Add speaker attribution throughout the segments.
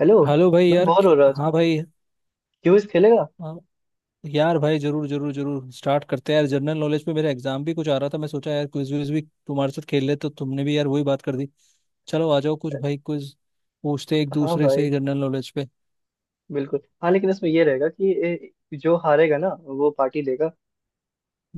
Speaker 1: Hello.
Speaker 2: Hello भाई
Speaker 1: मैं
Speaker 2: यार।
Speaker 1: बोर हो रहा
Speaker 2: हाँ
Speaker 1: था।
Speaker 2: भाई।
Speaker 1: क्यूज खेलेगा?
Speaker 2: हाँ, यार भाई जरूर जरूर जरूर स्टार्ट करते हैं यार, जनरल नॉलेज पे मेरा एग्जाम भी कुछ आ रहा था, मैं सोचा यार क्विज विज भी तुम्हारे साथ खेल ले, तो तुमने भी यार वही बात कर दी। चलो आ जाओ, कुछ भाई क्विज पूछते हैं एक
Speaker 1: हाँ
Speaker 2: दूसरे से
Speaker 1: भाई।
Speaker 2: जनरल नॉलेज पे।
Speaker 1: बिल्कुल हाँ, लेकिन इसमें ये रहेगा कि जो हारेगा ना वो पार्टी देगा।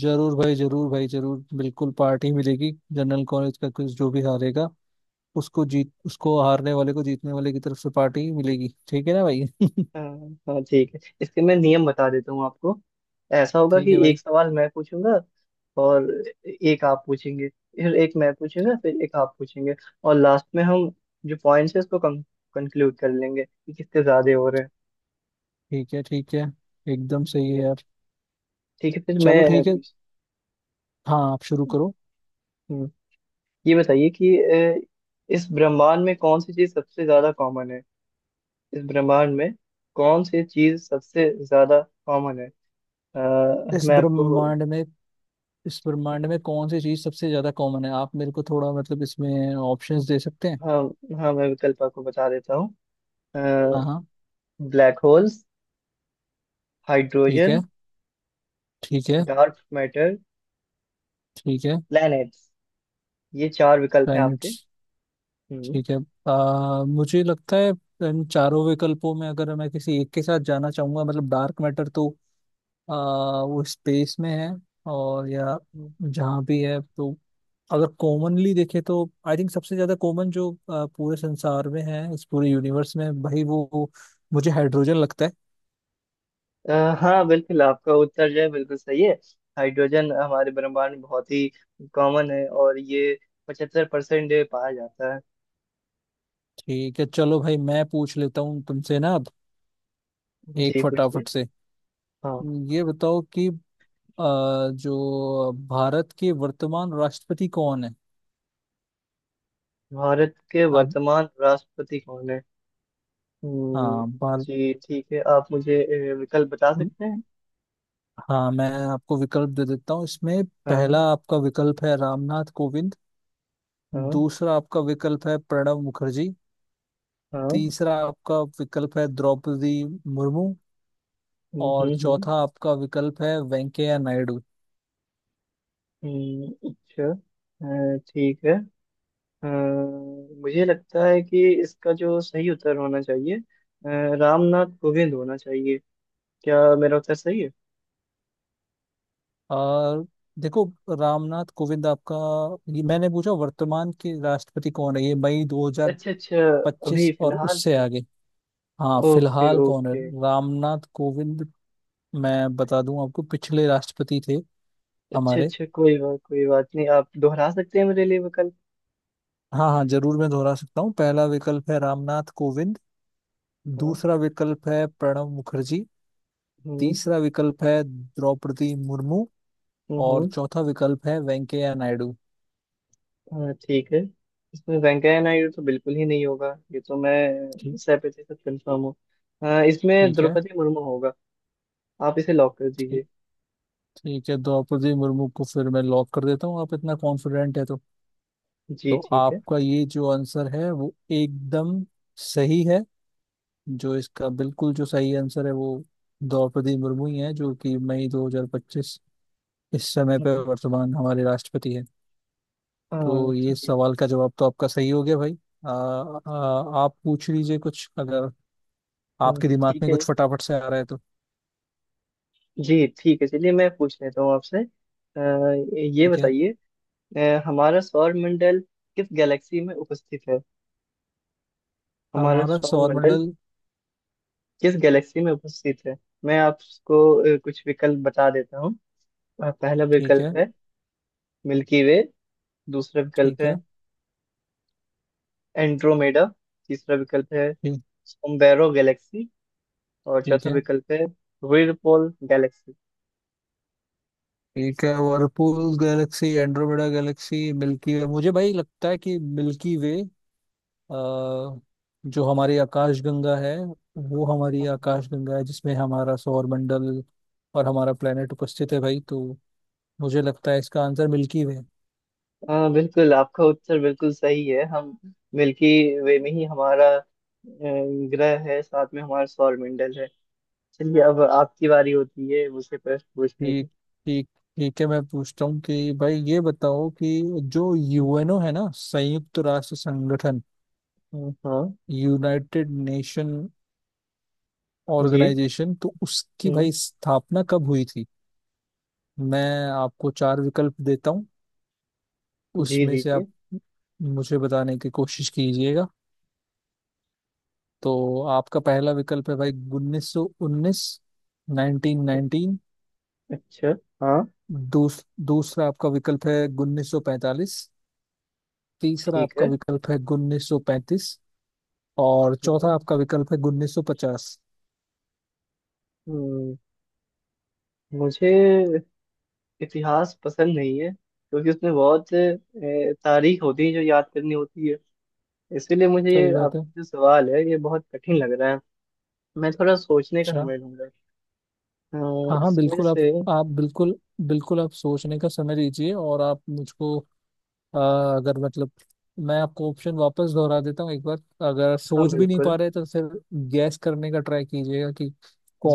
Speaker 2: जरूर भाई जरूर भाई जरूर, बिल्कुल पार्टी मिलेगी। जनरल नॉलेज का क्विज जो भी हारेगा उसको जीत, उसको हारने वाले को जीतने वाले की तरफ से पार्टी मिलेगी, ठीक है ना भाई?
Speaker 1: हाँ। हाँ, ठीक है, इसके मैं नियम बता देता हूँ आपको। ऐसा होगा कि
Speaker 2: ठीक है
Speaker 1: एक
Speaker 2: भाई।
Speaker 1: सवाल मैं पूछूंगा और एक आप पूछेंगे, फिर एक मैं पूछूंगा, फिर एक आप पूछेंगे, और लास्ट में हम जो पॉइंट्स है उसको कंक्लूड कर लेंगे कि किसके ज्यादा हो रहे हैं।
Speaker 2: ठीक है ठीक है, एकदम सही
Speaker 1: ठीक
Speaker 2: है
Speaker 1: है।
Speaker 2: यार।
Speaker 1: ठीक है, फिर
Speaker 2: चलो
Speaker 1: मैं,
Speaker 2: ठीक है। हाँ आप शुरू करो।
Speaker 1: हम्म, ये बताइए कि ए, इस ब्रह्मांड में कौन सी चीज सबसे ज्यादा कॉमन है? इस ब्रह्मांड में कौन सी चीज सबसे ज्यादा कॉमन है?
Speaker 2: इस
Speaker 1: मैं आपको,
Speaker 2: ब्रह्मांड में, इस ब्रह्मांड में कौन सी चीज सबसे ज्यादा कॉमन है? आप मेरे को थोड़ा मतलब इसमें ऑप्शंस दे सकते हैं।
Speaker 1: हाँ। हाँ, मैं विकल्प आपको बता देता हूँ।
Speaker 2: हाँ हाँ।
Speaker 1: ब्लैक होल्स,
Speaker 2: ठीक है।
Speaker 1: हाइड्रोजन,
Speaker 2: ठीक है।
Speaker 1: डार्क मैटर,
Speaker 2: ठीक है।
Speaker 1: प्लैनेट्स। ये चार विकल्प हैं आपके।
Speaker 2: प्लैनेट्स।
Speaker 1: हम्म।
Speaker 2: ठीक है। मुझे लगता है इन चारों विकल्पों में अगर मैं किसी एक के साथ जाना चाहूंगा मतलब डार्क मैटर तो आ, वो स्पेस में है, और या
Speaker 1: हम्म।
Speaker 2: जहाँ भी है तो अगर कॉमनली देखे तो आई थिंक सबसे ज्यादा कॉमन जो पूरे संसार में है, इस पूरे यूनिवर्स में भाई वो मुझे हाइड्रोजन लगता है।
Speaker 1: अ, हाँ बिल्कुल, आपका उत्तर जो है बिल्कुल सही है। हाइड्रोजन हमारे ब्रह्मांड में बहुत ही कॉमन है, और ये पचहत्तर परसेंट पाया जाता है।
Speaker 2: ठीक है चलो भाई, मैं पूछ लेता हूँ तुमसे ना अब, एक
Speaker 1: जी पूछिए।
Speaker 2: फटाफट से।
Speaker 1: हाँ।
Speaker 2: ये बताओ कि जो भारत के वर्तमान राष्ट्रपति कौन है?
Speaker 1: भारत के
Speaker 2: अब
Speaker 1: वर्तमान राष्ट्रपति कौन है?
Speaker 2: हाँ भारत।
Speaker 1: जी ठीक है। आप मुझे विकल्प बता सकते हैं?
Speaker 2: हाँ मैं आपको विकल्प दे देता हूँ इसमें।
Speaker 1: हाँ।
Speaker 2: पहला आपका विकल्प है रामनाथ कोविंद।
Speaker 1: हाँ।
Speaker 2: दूसरा आपका विकल्प है प्रणब मुखर्जी।
Speaker 1: हाँ।
Speaker 2: तीसरा आपका विकल्प है द्रौपदी मुर्मू।
Speaker 1: हम्म,
Speaker 2: और
Speaker 1: हम्म, हम्म।
Speaker 2: चौथा आपका विकल्प है वेंकैया नायडू।
Speaker 1: अच्छा। ठीक है। अ, मुझे लगता है कि इसका जो सही उत्तर होना चाहिए रामनाथ कोविंद होना चाहिए। क्या मेरा उत्तर सही है?
Speaker 2: और देखो, रामनाथ कोविंद आपका, ये मैंने पूछा वर्तमान के राष्ट्रपति कौन है, ये मई
Speaker 1: अच्छा अच्छा। अभी
Speaker 2: 2025। और
Speaker 1: फिलहाल
Speaker 2: उससे
Speaker 1: है?
Speaker 2: आगे, हाँ,
Speaker 1: ओके
Speaker 2: फिलहाल कौन है?
Speaker 1: ओके।
Speaker 2: रामनाथ कोविंद मैं बता दूं आपको, पिछले राष्ट्रपति थे
Speaker 1: अच्छा
Speaker 2: हमारे।
Speaker 1: अच्छा, कोई बात नहीं। आप दोहरा सकते हैं मेरे लिए विकल्प।
Speaker 2: हाँ हाँ जरूर, मैं दोहरा सकता हूँ। पहला विकल्प है रामनाथ कोविंद।
Speaker 1: हाँ।
Speaker 2: दूसरा विकल्प है प्रणब मुखर्जी।
Speaker 1: हम्म,
Speaker 2: तीसरा विकल्प है द्रौपदी मुर्मू।
Speaker 1: हम्म,
Speaker 2: और चौथा विकल्प है वेंकैया नायडू।
Speaker 1: हाँ ठीक है। इसमें वेंकैया नायडू तो बिल्कुल ही नहीं होगा, ये तो मैं
Speaker 2: ठीक।
Speaker 1: सौ प्रतिशत कंफर्म हूँ। हाँ, इसमें
Speaker 2: ठीक है।
Speaker 1: द्रौपदी मुर्मू होगा। आप इसे लॉक कर दीजिए।
Speaker 2: ठीक है, द्रौपदी मुर्मू को फिर मैं लॉक कर देता हूँ, आप इतना कॉन्फिडेंट है तो।
Speaker 1: जी
Speaker 2: तो
Speaker 1: ठीक है।
Speaker 2: आपका ये जो आंसर है वो एकदम सही है। जो इसका बिल्कुल जो सही आंसर है वो द्रौपदी मुर्मू ही है, जो कि मई 2025 इस समय पर
Speaker 1: हम्म।
Speaker 2: वर्तमान हमारे राष्ट्रपति है।
Speaker 1: हाँ
Speaker 2: तो ये
Speaker 1: ठीक है।
Speaker 2: सवाल का जवाब तो आपका सही हो गया भाई। आ, आ, आप पूछ लीजिए कुछ, अगर
Speaker 1: हम्म,
Speaker 2: आपके दिमाग
Speaker 1: ठीक
Speaker 2: में
Speaker 1: है।
Speaker 2: कुछ फटाफट से आ रहा है तो।
Speaker 1: जी ठीक है, चलिए मैं पूछ लेता हूँ आपसे। अ, ये
Speaker 2: ठीक है।
Speaker 1: बताइए, हमारा सौर मंडल किस गैलेक्सी में उपस्थित है? हमारा
Speaker 2: हमारा
Speaker 1: सौर मंडल
Speaker 2: सौरमंडल।
Speaker 1: किस गैलेक्सी में उपस्थित है? मैं आपको कुछ विकल्प बता देता हूँ। पहला
Speaker 2: ठीक है।
Speaker 1: विकल्प है मिल्की वे। दूसरा विकल्प
Speaker 2: ठीक
Speaker 1: है
Speaker 2: है।
Speaker 1: एंड्रोमेडा। तीसरा विकल्प है
Speaker 2: ठीक।
Speaker 1: सोमबेरो गैलेक्सी। और
Speaker 2: ठीक
Speaker 1: चौथा
Speaker 2: है।
Speaker 1: विकल्प है व्हर्लपूल गैलेक्सी।
Speaker 2: ठीक है, whirlpool galaxy, Andromeda galaxy, Milky Way. मुझे भाई लगता है कि मिल्की वे, अ, जो हमारी आकाशगंगा है, वो हमारी
Speaker 1: हाँ। हाँ।
Speaker 2: आकाशगंगा है जिसमें हमारा सौर मंडल और हमारा प्लेनेट उपस्थित है भाई, तो मुझे लगता है इसका आंसर मिल्की वे।
Speaker 1: हाँ, बिल्कुल, आपका उत्तर बिल्कुल सही है। हम मिल्की वे में ही हमारा ग्रह है, साथ में हमारा सौरमंडल है। चलिए, अब आपकी बारी होती है मुझसे प्रश्न पूछने
Speaker 2: ठीक।
Speaker 1: की।
Speaker 2: ठीक। ठीक है, मैं पूछता हूँ कि भाई ये बताओ कि जो यूएनओ है ना, संयुक्त राष्ट्र संगठन,
Speaker 1: हाँ।
Speaker 2: यूनाइटेड नेशन
Speaker 1: जी।
Speaker 2: ऑर्गेनाइजेशन, तो उसकी
Speaker 1: हम्म,
Speaker 2: भाई स्थापना कब हुई थी? मैं आपको चार विकल्प देता हूँ,
Speaker 1: जी
Speaker 2: उसमें से
Speaker 1: दीजिए।
Speaker 2: आप मुझे बताने की कोशिश कीजिएगा। तो आपका पहला विकल्प है भाई 1919, 1919।
Speaker 1: अच्छा। हाँ
Speaker 2: दूस, दूसरा आपका विकल्प है 1945। तीसरा
Speaker 1: ठीक
Speaker 2: आपका
Speaker 1: है।
Speaker 2: विकल्प है 1935। और चौथा
Speaker 1: हम्म,
Speaker 2: आपका विकल्प है 1950।
Speaker 1: हम्म, मुझे इतिहास पसंद नहीं है, क्योंकि उसमें बहुत तारीख होती है जो याद करनी होती है। इसीलिए मुझे
Speaker 2: सही
Speaker 1: ये
Speaker 2: बात है।
Speaker 1: आपका जो सवाल है ये बहुत कठिन लग रहा है। मैं थोड़ा सोचने का
Speaker 2: अच्छा।
Speaker 1: समय लूंगा।
Speaker 2: हाँ हाँ
Speaker 1: इसमें
Speaker 2: बिल्कुल आप
Speaker 1: से,
Speaker 2: आप बिल्कुल बिल्कुल आप सोचने का समय दीजिए और आप मुझको, अ, अगर मतलब, मैं आपको ऑप्शन वापस दोहरा देता हूँ एक बार, अगर
Speaker 1: हाँ
Speaker 2: सोच भी नहीं पा
Speaker 1: बिल्कुल।
Speaker 2: रहे तो फिर गैस करने का ट्राई कीजिएगा कि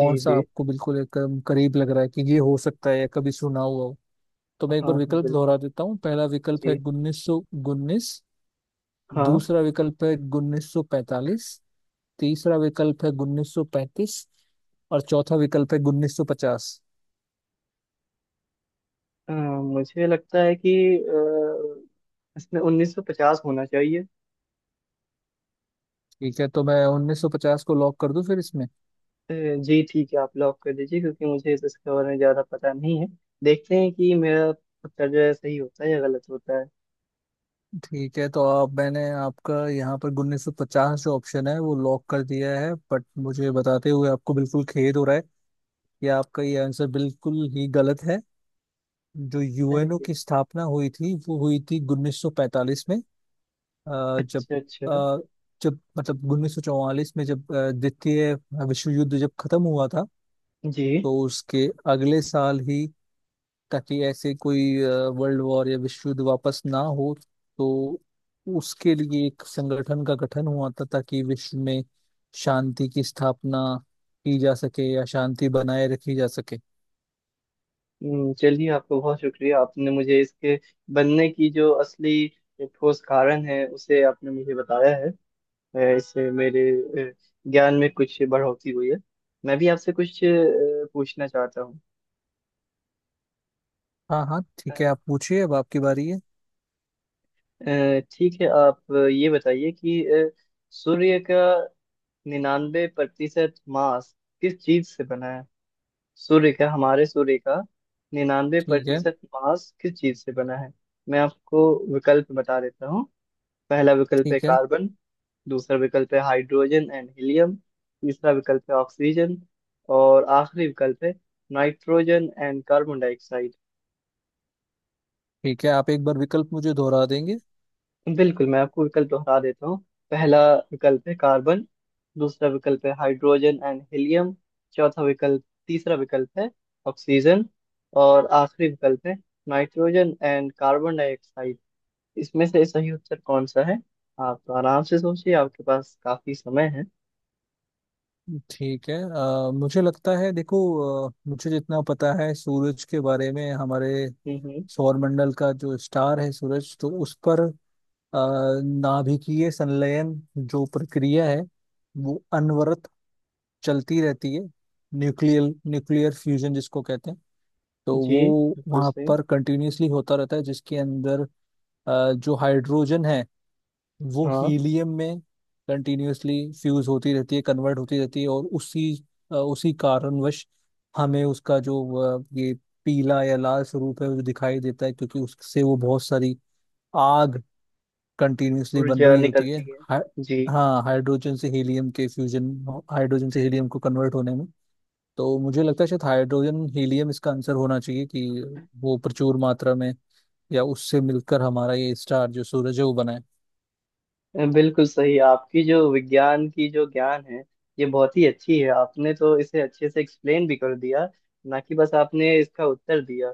Speaker 1: जी
Speaker 2: सा
Speaker 1: जी।
Speaker 2: आपको बिल्कुल एकदम करीब लग रहा है कि ये हो सकता है या कभी सुना हुआ हो। तो मैं एक
Speaker 1: हाँ
Speaker 2: बार
Speaker 1: हाँ
Speaker 2: विकल्प
Speaker 1: बिल्कुल।
Speaker 2: दोहरा देता हूँ। पहला विकल्प है
Speaker 1: जी।
Speaker 2: 1919।
Speaker 1: हाँ।
Speaker 2: दूसरा विकल्प है 1945। तीसरा विकल्प है 1935। और चौथा विकल्प है 1950।
Speaker 1: मुझे लगता है कि इसमें 1950 होना चाहिए।
Speaker 2: ठीक है, तो मैं 1950 को लॉक कर दूं फिर इसमें।
Speaker 1: अ, जी ठीक है, आप लॉक कर दीजिए, क्योंकि मुझे इस इसके बारे में ज़्यादा पता नहीं है। देखते हैं कि मेरा उत्तर जो है सही होता है या गलत होता है।
Speaker 2: ठीक है, तो आप, मैंने आपका यहाँ पर 1950 जो ऑप्शन है वो लॉक कर दिया है, बट मुझे बताते हुए आपको बिल्कुल खेद हो रहा है कि आपका ये आंसर बिल्कुल ही गलत है। जो
Speaker 1: अरे।
Speaker 2: यूएनओ की स्थापना हुई थी वो हुई थी 1945 में। अ, जब
Speaker 1: अच्छा अच्छा।
Speaker 2: अ, जब मतलब 1944 में जब द्वितीय विश्व युद्ध जब खत्म हुआ था,
Speaker 1: जी।
Speaker 2: तो उसके अगले साल ही, ताकि ऐसे कोई वर्ल्ड वॉर या विश्व युद्ध वापस ना हो, तो उसके लिए एक संगठन का गठन हुआ था ताकि विश्व में शांति की स्थापना की जा सके या शांति बनाए रखी जा सके।
Speaker 1: चलिए, आपका बहुत शुक्रिया। आपने मुझे इसके बनने की जो असली ठोस कारण है उसे आपने मुझे बताया है। इससे मेरे अ, ज्ञान में कुछ बढ़ोतरी हुई है। मैं भी आपसे कुछ पूछना चाहता हूँ।
Speaker 2: हाँ हाँ
Speaker 1: अ,
Speaker 2: ठीक है, आप पूछिए, अब आपकी बारी है।
Speaker 1: ठीक है, आप ये बताइए कि सूर्य का निन्यानवे प्रतिशत मास किस चीज से बना है? सूर्य का हमारे सूर्य का निन्यानवे
Speaker 2: ठीक है।
Speaker 1: प्रतिशत मास किस चीज से बना है? मैं आपको विकल्प बता देता हूँ। पहला विकल्प है
Speaker 2: ठीक है।
Speaker 1: कार्बन। दूसरा विकल्प है हाइड्रोजन एंड हीलियम। तीसरा विकल्प है ऑक्सीजन। और आखिरी विकल्प है नाइट्रोजन एंड कार्बन डाइऑक्साइड।
Speaker 2: ठीक है, आप एक बार विकल्प मुझे दोहरा देंगे?
Speaker 1: बिल्कुल, मैं आपको विकल्प दोहरा देता हूँ। पहला विकल्प है कार्बन। दूसरा विकल्प है हाइड्रोजन एंड हीलियम। चौथा विकल्प तीसरा विकल्प है ऑक्सीजन। और आखिरी विकल्प है नाइट्रोजन एंड कार्बन डाइऑक्साइड। इसमें से सही उत्तर कौन सा है? आप तो आराम से सोचिए, आपके पास काफी समय है।
Speaker 2: ठीक है, मुझे लगता है देखो, मुझे जितना पता है सूरज के बारे में, हमारे
Speaker 1: हम्म,
Speaker 2: सौरमंडल का जो स्टार है सूरज, तो उस पर अ, नाभिकीय संलयन जो प्रक्रिया है, वो अनवरत चलती रहती है। न्यूक्लियर न्यूक्लियर फ्यूजन जिसको कहते हैं, तो
Speaker 1: जी,
Speaker 2: वो
Speaker 1: बिल्कुल
Speaker 2: वहाँ
Speaker 1: सही।
Speaker 2: पर कंटिन्यूसली होता रहता है जिसके अंदर जो हाइड्रोजन है वो
Speaker 1: हाँ,
Speaker 2: हीलियम में कंटिन्यूसली फ्यूज होती रहती है, कन्वर्ट होती रहती है, और उसी उसी कारणवश हमें उसका जो ये पीला या लाल स्वरूप है वो दिखाई देता है, क्योंकि उससे वो बहुत सारी आग कंटिन्यूअसली बन
Speaker 1: ऊर्जा
Speaker 2: रही होती है।
Speaker 1: निकलती है।
Speaker 2: हा,
Speaker 1: जी,
Speaker 2: हाँ, हाइड्रोजन से हीलियम के फ्यूजन, हाइड्रोजन से हीलियम को कन्वर्ट होने में, तो मुझे लगता है शायद हाइड्रोजन हीलियम इसका आंसर होना चाहिए कि वो प्रचुर मात्रा में या उससे मिलकर हमारा ये स्टार जो सूरज है वो बना है।
Speaker 1: बिल्कुल सही। आपकी जो विज्ञान की जो ज्ञान है ये बहुत ही अच्छी है। आपने तो इसे अच्छे से एक्सप्लेन भी कर दिया, ना कि बस आपने इसका उत्तर दिया।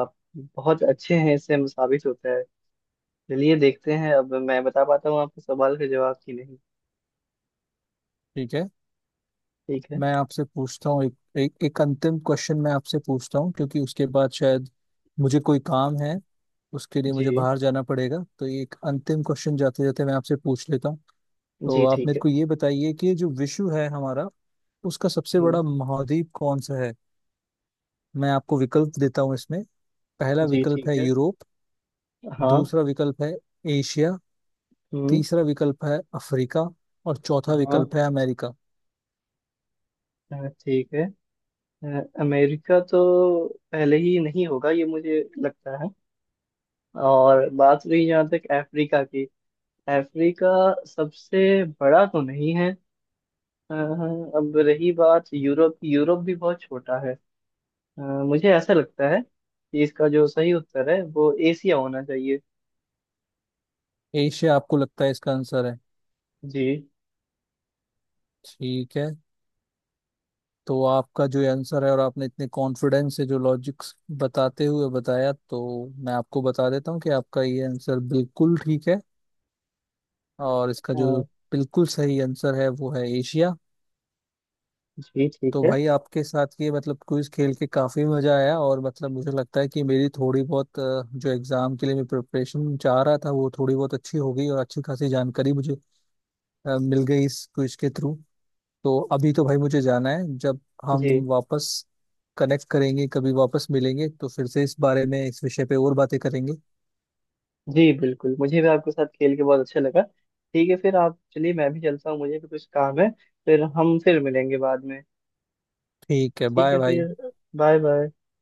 Speaker 1: आप बहुत अच्छे हैं, इससे साबित होता है। चलिए, देखते हैं अब मैं बता पाता हूँ आपके सवाल का जवाब कि नहीं।
Speaker 2: ठीक है।
Speaker 1: ठीक है।
Speaker 2: मैं आपसे पूछता हूँ एक, एक एक अंतिम क्वेश्चन मैं आपसे पूछता हूँ, क्योंकि उसके बाद शायद मुझे कोई काम है, उसके लिए मुझे
Speaker 1: जी
Speaker 2: बाहर जाना पड़ेगा, तो ये एक अंतिम क्वेश्चन जाते जाते मैं आपसे पूछ लेता हूँ। तो
Speaker 1: जी
Speaker 2: आप
Speaker 1: ठीक
Speaker 2: मेरे
Speaker 1: है।
Speaker 2: को ये बताइए कि जो विश्व है हमारा, उसका सबसे बड़ा
Speaker 1: हम्म।
Speaker 2: महाद्वीप कौन सा है? मैं आपको विकल्प देता हूँ इसमें। पहला
Speaker 1: जी
Speaker 2: विकल्प
Speaker 1: ठीक
Speaker 2: है
Speaker 1: है।
Speaker 2: यूरोप।
Speaker 1: हाँ।
Speaker 2: दूसरा विकल्प है एशिया।
Speaker 1: हम्म।
Speaker 2: तीसरा विकल्प है अफ्रीका। और चौथा
Speaker 1: हाँ।
Speaker 2: विकल्प है अमेरिका।
Speaker 1: हाँ, ठीक है। अमेरिका तो पहले ही नहीं होगा, ये मुझे लगता है। और बात रही जहाँ तक अफ्रीका की, अफ्रीका सबसे बड़ा तो नहीं है। अब रही बात यूरोप की, यूरोप भी बहुत छोटा है। मुझे ऐसा लगता है कि इसका जो सही उत्तर है वो एशिया होना चाहिए।
Speaker 2: एशिया आपको लगता है इसका आंसर है?
Speaker 1: जी।
Speaker 2: ठीक है, तो आपका जो ये आंसर है, और आपने इतने कॉन्फिडेंस से जो लॉजिक्स बताते हुए बताया, तो मैं आपको बता देता हूँ कि आपका ये आंसर बिल्कुल ठीक है। और इसका
Speaker 1: अ,
Speaker 2: जो बिल्कुल सही आंसर है वो है एशिया।
Speaker 1: जी ठीक
Speaker 2: तो
Speaker 1: है।
Speaker 2: भाई आपके साथ ये मतलब क्विज खेल के काफी मजा आया, और मतलब मुझे लगता है कि मेरी थोड़ी बहुत जो एग्जाम के लिए मैं प्रिपरेशन चाह रहा था वो थोड़ी बहुत अच्छी हो गई, और अच्छी खासी जानकारी मुझे मिल गई इस क्विज के थ्रू। तो अभी तो भाई मुझे जाना है, जब हम
Speaker 1: जी
Speaker 2: वापस कनेक्ट करेंगे कभी, वापस मिलेंगे तो फिर से इस बारे में, इस विषय पे और बातें करेंगे।
Speaker 1: जी बिल्कुल, मुझे भी आपके साथ खेल के बहुत अच्छा लगा। ठीक है, फिर आप चलिए, मैं भी चलता हूँ, मुझे भी कुछ काम है। फिर हम फिर मिलेंगे बाद में।
Speaker 2: ठीक है,
Speaker 1: ठीक
Speaker 2: बाय
Speaker 1: है
Speaker 2: भाई।
Speaker 1: फिर। Bye bye.